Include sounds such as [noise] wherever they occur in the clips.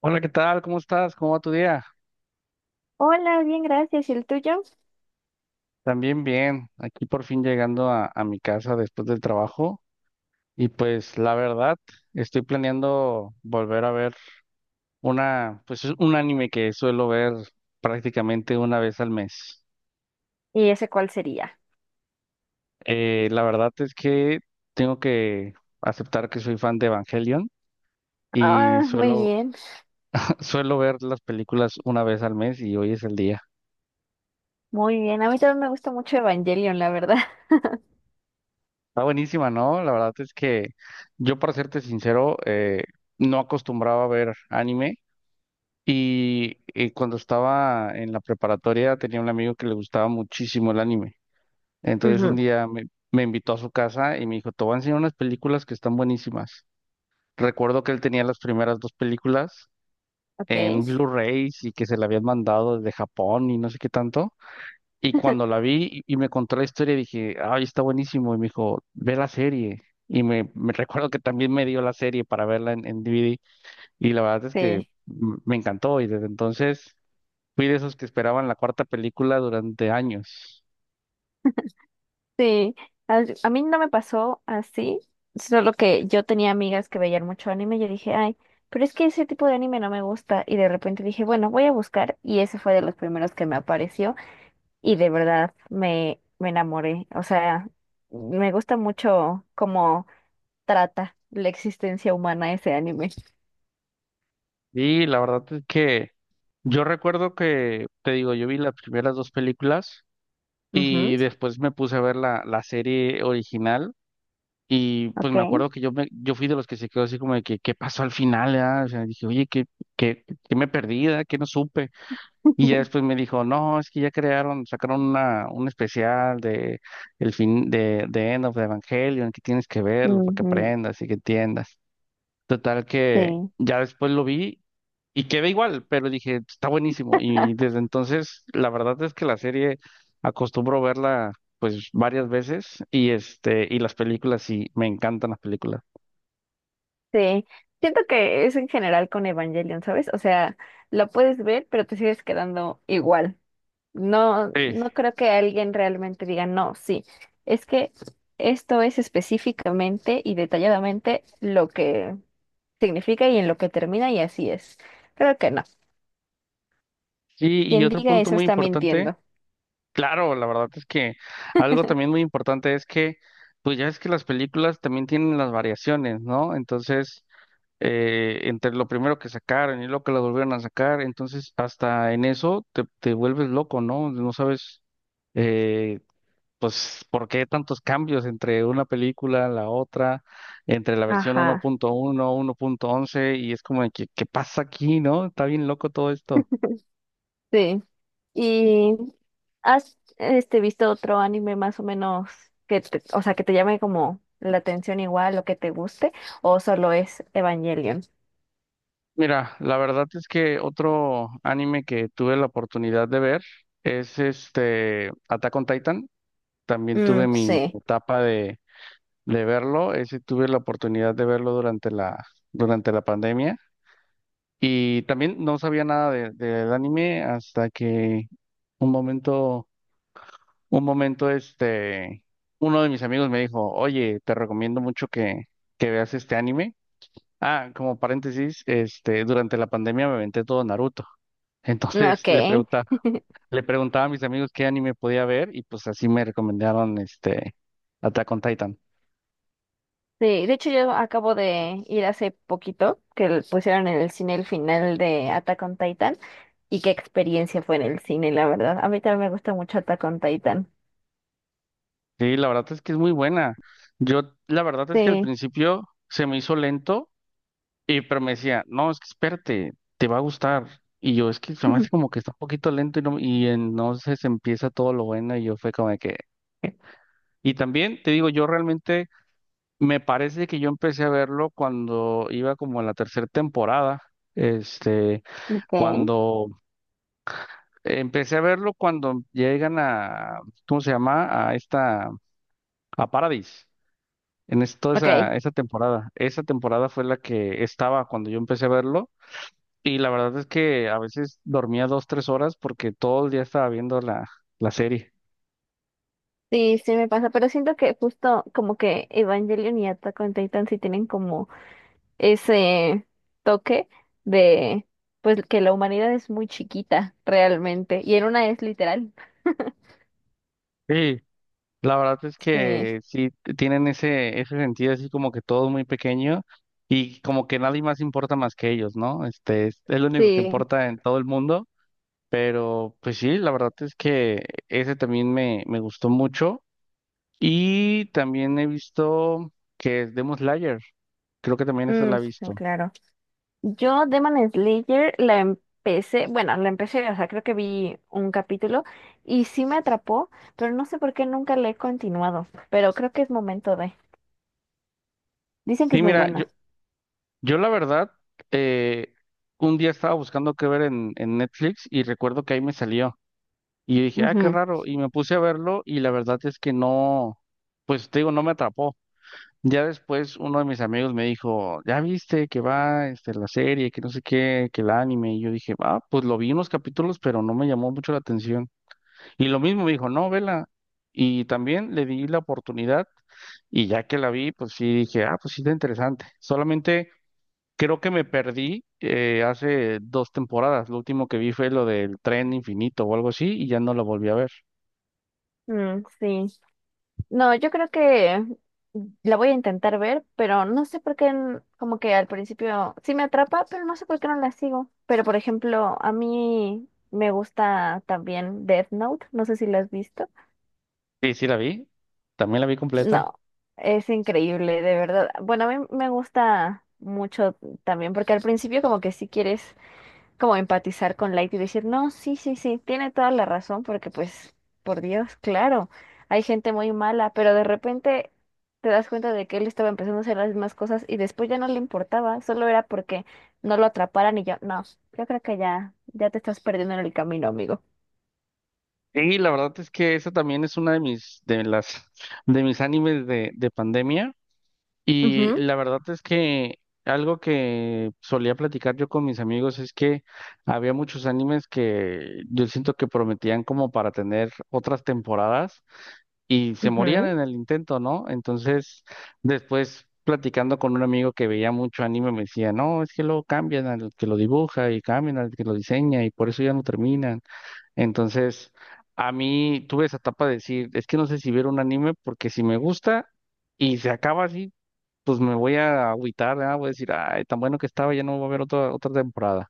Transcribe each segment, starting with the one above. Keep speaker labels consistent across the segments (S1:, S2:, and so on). S1: Hola, ¿qué tal? ¿Cómo estás? ¿Cómo va tu día?
S2: Hola, bien, gracias. ¿Y el tuyo?
S1: También bien, aquí por fin llegando a mi casa después del trabajo y pues la verdad estoy planeando volver a ver una, pues es un anime que suelo ver prácticamente una vez al mes.
S2: ¿Y ese cuál sería?
S1: La verdad es que tengo que aceptar que soy fan de Evangelion y
S2: Ah, muy
S1: suelo,
S2: bien,
S1: [laughs] suelo ver las películas una vez al mes y hoy es el día.
S2: muy bien. A mí también me gusta mucho Evangelion, la verdad. [laughs]
S1: Está buenísima, ¿no? La verdad es que yo, para serte sincero, no acostumbraba a ver anime y, cuando estaba en la preparatoria tenía un amigo que le gustaba muchísimo el anime. Entonces un
S2: Ujú.
S1: día me invitó a su casa y me dijo, te voy a enseñar unas películas que están buenísimas. Recuerdo que él tenía las primeras dos películas
S2: Ok.
S1: en Blu-rays y que se le habían mandado desde Japón y no sé qué tanto. Y cuando la vi y me contó la historia, dije, ay, está buenísimo. Y me dijo, ve la serie. Y me [laughs] recuerdo que también me dio la serie para verla en DVD. Y la verdad es que
S2: Sí,
S1: me encantó. Y desde entonces fui de esos que esperaban la cuarta película durante años.
S2: sí. A mí no me pasó así, solo que yo tenía amigas que veían mucho anime y yo dije, ay, pero es que ese tipo de anime no me gusta. Y de repente dije, bueno, voy a buscar y ese fue de los primeros que me apareció y de verdad me enamoré. O sea, me gusta mucho, trata la existencia humana ese anime.
S1: Y la verdad es que yo recuerdo que, te digo, yo vi las primeras dos películas
S2: Ujú.
S1: y después me puse a ver la serie original. Y pues me
S2: Ok.
S1: acuerdo que yo fui de los que se quedó así como de que, ¿qué pasó al final? Ah? O sea, dije, oye, qué, ¿qué me perdí? Ah? ¿Qué no supe? Y ya después
S2: [laughs]
S1: me dijo, no, es que ya crearon, sacaron un especial de el fin de End of Evangelion, que tienes que verlo para que
S2: Ujú.
S1: aprendas y que entiendas. Total que
S2: Sí.
S1: ya después lo vi y quedé igual, pero dije, está buenísimo. Y
S2: [laughs]
S1: desde entonces, la verdad es que la serie acostumbro verla pues varias veces y este, y las películas sí, me encantan las películas.
S2: Sí. Siento que es en general con Evangelion, ¿sabes? O sea, lo puedes ver, pero te sigues quedando igual. No,
S1: Sí.
S2: no creo que alguien realmente diga, no, sí. Es que esto es específicamente y detalladamente lo que significa y en lo que termina y así es. Creo que no.
S1: Sí, y
S2: Quien
S1: otro
S2: diga
S1: punto
S2: eso
S1: muy
S2: está
S1: importante,
S2: mintiendo.
S1: claro, la verdad es que algo también
S2: [laughs]
S1: muy importante es que, pues ya es que las películas también tienen las variaciones, ¿no? Entonces, entre lo primero que sacaron y lo que lo volvieron a sacar, entonces hasta en eso te vuelves loco, ¿no? No sabes, eh, pues, por qué tantos cambios entre una película, la otra, entre la versión
S2: Ajá.
S1: 1.1, 1.11, y es como de que, ¿qué pasa aquí, no? Está bien loco todo esto.
S2: Sí. ¿Y has visto otro anime más o menos que o sea, que te llame como la atención igual o que te guste o solo es Evangelion?
S1: Mira, la verdad es que otro anime que tuve la oportunidad de ver es este Attack on Titan. También tuve
S2: Mm,
S1: mi
S2: sí.
S1: etapa de verlo. Ese tuve la oportunidad de verlo durante durante la pandemia. Y también no sabía nada del anime hasta que un momento, un momento, este, uno de mis amigos me dijo, oye, te recomiendo mucho que veas este anime. Ah, como paréntesis, este, durante la pandemia me aventé todo Naruto. [laughs]
S2: Ok.
S1: Entonces le preguntaba a mis amigos qué anime podía ver y pues así me recomendaron este Attack on Titan.
S2: Sí, de hecho yo acabo de ir hace poquito que le pusieron en el cine el final de Attack on Titan y qué experiencia fue en el cine, la verdad. A mí también me gusta mucho Attack on Titan.
S1: Sí, la verdad es que es muy buena. Yo, la verdad es que al
S2: Sí.
S1: principio se me hizo lento, y pero me decía, no, es que espérate, te va a gustar. Y yo, es que se me hace
S2: [laughs]
S1: como que está un poquito lento y, y entonces empieza todo lo bueno y yo fue como de que... Y también te digo, yo realmente me parece que yo empecé a verlo cuando iba como en la tercera temporada, este,
S2: Ok.
S1: cuando empecé a verlo cuando llegan a, ¿cómo se llama? A esta, a Paradis. Toda
S2: Ok.
S1: esa, esa temporada. Esa temporada fue la que estaba cuando yo empecé a verlo y la verdad es que a veces dormía 2, 3 horas porque todo el día estaba viendo la serie.
S2: Sí, sí me pasa, pero siento que justo como que Evangelion y Attack on Titan sí tienen como ese toque de pues que la humanidad es muy chiquita realmente y en una es literal.
S1: Sí. La verdad es
S2: Sí,
S1: que sí tienen ese, ese sentido así como que todo muy pequeño y como que nadie más importa más que ellos, ¿no? Este es lo único que
S2: sí.
S1: importa en todo el mundo. Pero pues sí, la verdad es que ese también me gustó mucho. Y también he visto que es Demon Slayer. Creo que también esa la
S2: Mm,
S1: he
S2: sí,
S1: visto.
S2: claro. Yo Demon Slayer la empecé, bueno, la empecé, o sea, creo que vi un capítulo y sí me atrapó, pero no sé por qué nunca la he continuado, pero creo que es momento de. Dicen que
S1: Sí,
S2: es muy
S1: mira, yo,
S2: buena.
S1: yo la verdad, eh, un día estaba buscando qué ver en Netflix y recuerdo que ahí me salió. Y dije, ah, qué
S2: Ujú.
S1: raro. Y me puse a verlo y la verdad es que no, pues te digo, no me atrapó. Ya después uno de mis amigos me dijo, ya viste que va este, la serie, que no sé qué, que el anime. Y yo dije, ah, pues lo vi unos capítulos, pero no me llamó mucho la atención. Y lo mismo me dijo, no, vela. Y también le di la oportunidad y ya que la vi, pues sí dije, ah, pues sí está interesante. Solamente creo que me perdí hace dos temporadas. Lo último que vi fue lo del tren infinito o algo así y ya no la volví a ver.
S2: Mm, sí. No, yo creo que la voy a intentar ver, pero no sé por qué, como que al principio sí me atrapa, pero no sé por qué no la sigo. Pero por ejemplo, a mí me gusta también Death Note, no sé si la has visto.
S1: Sí, sí la vi. También la vi completa.
S2: No, es increíble, de verdad. Bueno, a mí me gusta mucho también, porque al principio como que sí quieres como empatizar con Light y decir, no, sí, sí, sí, tiene toda la razón, porque pues, por Dios, claro, hay gente muy mala, pero de repente te das cuenta de que él estaba empezando a hacer las mismas cosas y después ya no le importaba, solo era porque no lo atraparan y yo, no, yo creo que ya, ya te estás perdiendo en el camino, amigo.
S1: Y la verdad es que esa también es una de mis, de las, de mis animes de pandemia. Y
S2: Ujú.
S1: la verdad es que algo que solía platicar yo con mis amigos es que había muchos animes que yo siento que prometían como para tener otras temporadas y se morían
S2: Ujú.
S1: en el intento, ¿no? Entonces, después platicando con un amigo que veía mucho anime me decía, no, es que luego cambian al que lo dibuja y cambian al que lo diseña y por eso ya no terminan. Entonces, a mí tuve esa etapa de decir, es que no sé si ver un anime porque si me gusta... Y se acaba así pues me voy a agüitar, ¿verdad? Voy a decir, ay, tan bueno que estaba, ya no va a haber otra temporada.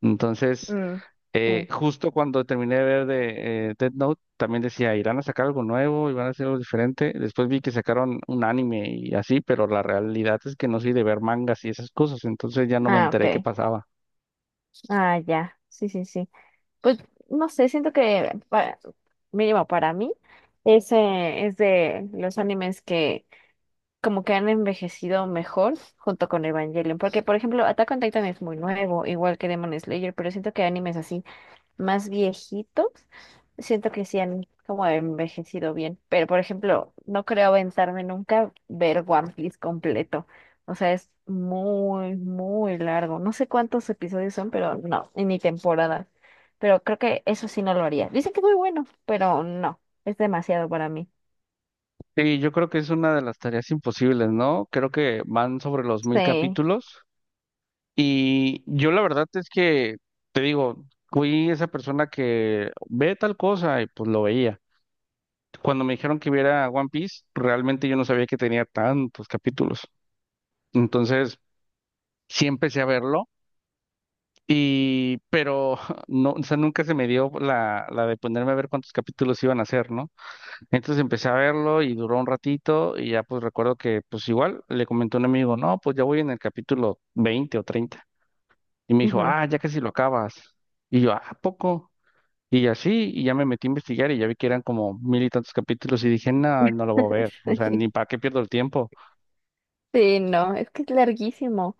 S1: Entonces,
S2: Mm, sí.
S1: justo cuando terminé de ver de Death Note, también decía, irán a sacar algo nuevo, van a hacer algo diferente. Después vi que sacaron un anime y así, pero la realidad es que no soy de ver mangas y esas cosas, entonces ya no me
S2: Ah,
S1: enteré qué
S2: ok.
S1: pasaba.
S2: Ah, ya. Sí, sí, sí. Pues no sé, siento que mínimo para mí, ese es de los animes que como que han envejecido mejor junto con Evangelion. Porque, por ejemplo, Attack on Titan es muy nuevo, igual que Demon Slayer, pero siento que animes así más viejitos, siento que sí han como envejecido bien. Pero, por ejemplo, no creo aventarme nunca ver One Piece completo. O sea, es muy, muy largo. No sé cuántos episodios son, pero no, y ni temporadas. Pero creo que eso sí no lo haría. Dicen que es muy bueno, pero no, es demasiado para mí.
S1: Sí, yo creo que es una de las tareas imposibles, ¿no? Creo que van sobre los mil
S2: Sí.
S1: capítulos Y yo la verdad es que, te digo, fui esa persona que ve tal cosa y pues lo veía. Cuando me dijeron que viera One Piece, realmente yo no sabía que tenía tantos capítulos. Entonces, sí empecé a verlo y, pero [laughs] no, o sea, nunca se me dio la de ponerme a ver cuántos capítulos iban a hacer, ¿no? Entonces empecé a verlo y duró un ratito y ya pues recuerdo que pues igual le comenté a un amigo, no, pues ya voy en el capítulo 20 o 30. Y me dijo,
S2: Ujú.
S1: ah, ya casi lo acabas. Y yo, ah, ¿a poco? Y así, y ya me metí a investigar y ya vi que eran como mil y tantos capítulos y dije, no, no lo voy a ver, o sea,
S2: [laughs]
S1: ni para qué pierdo el tiempo.
S2: Sí, no, es que es larguísimo.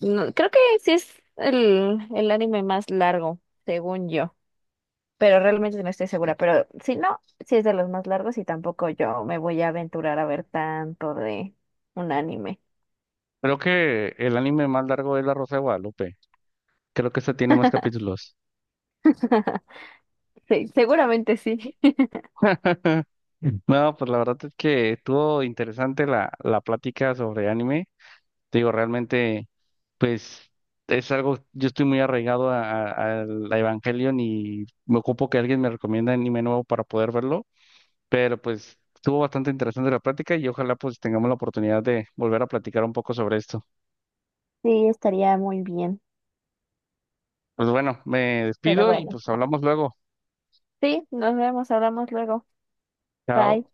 S2: No, creo que sí es el anime más largo, según yo, pero realmente no estoy segura. Pero si no, sí es de los más largos y tampoco yo me voy a aventurar a ver tanto de un anime.
S1: Creo que el anime más largo es La Rosa de Guadalupe. Creo que este tiene más
S2: [laughs]
S1: capítulos.
S2: Sí, seguramente sí.
S1: [laughs] No, pues la verdad es que estuvo interesante la plática sobre anime. Te digo, realmente, pues es algo, yo estoy muy arraigado al Evangelion y me ocupo que alguien me recomienda anime nuevo para poder verlo. Pero pues estuvo bastante interesante la plática y ojalá pues tengamos la oportunidad de volver a platicar un poco sobre esto.
S2: Sí, estaría muy bien.
S1: Pues bueno, me
S2: Pero
S1: despido y
S2: bueno,
S1: pues hablamos luego.
S2: sí, nos vemos, hablamos luego.
S1: Chao.
S2: Bye.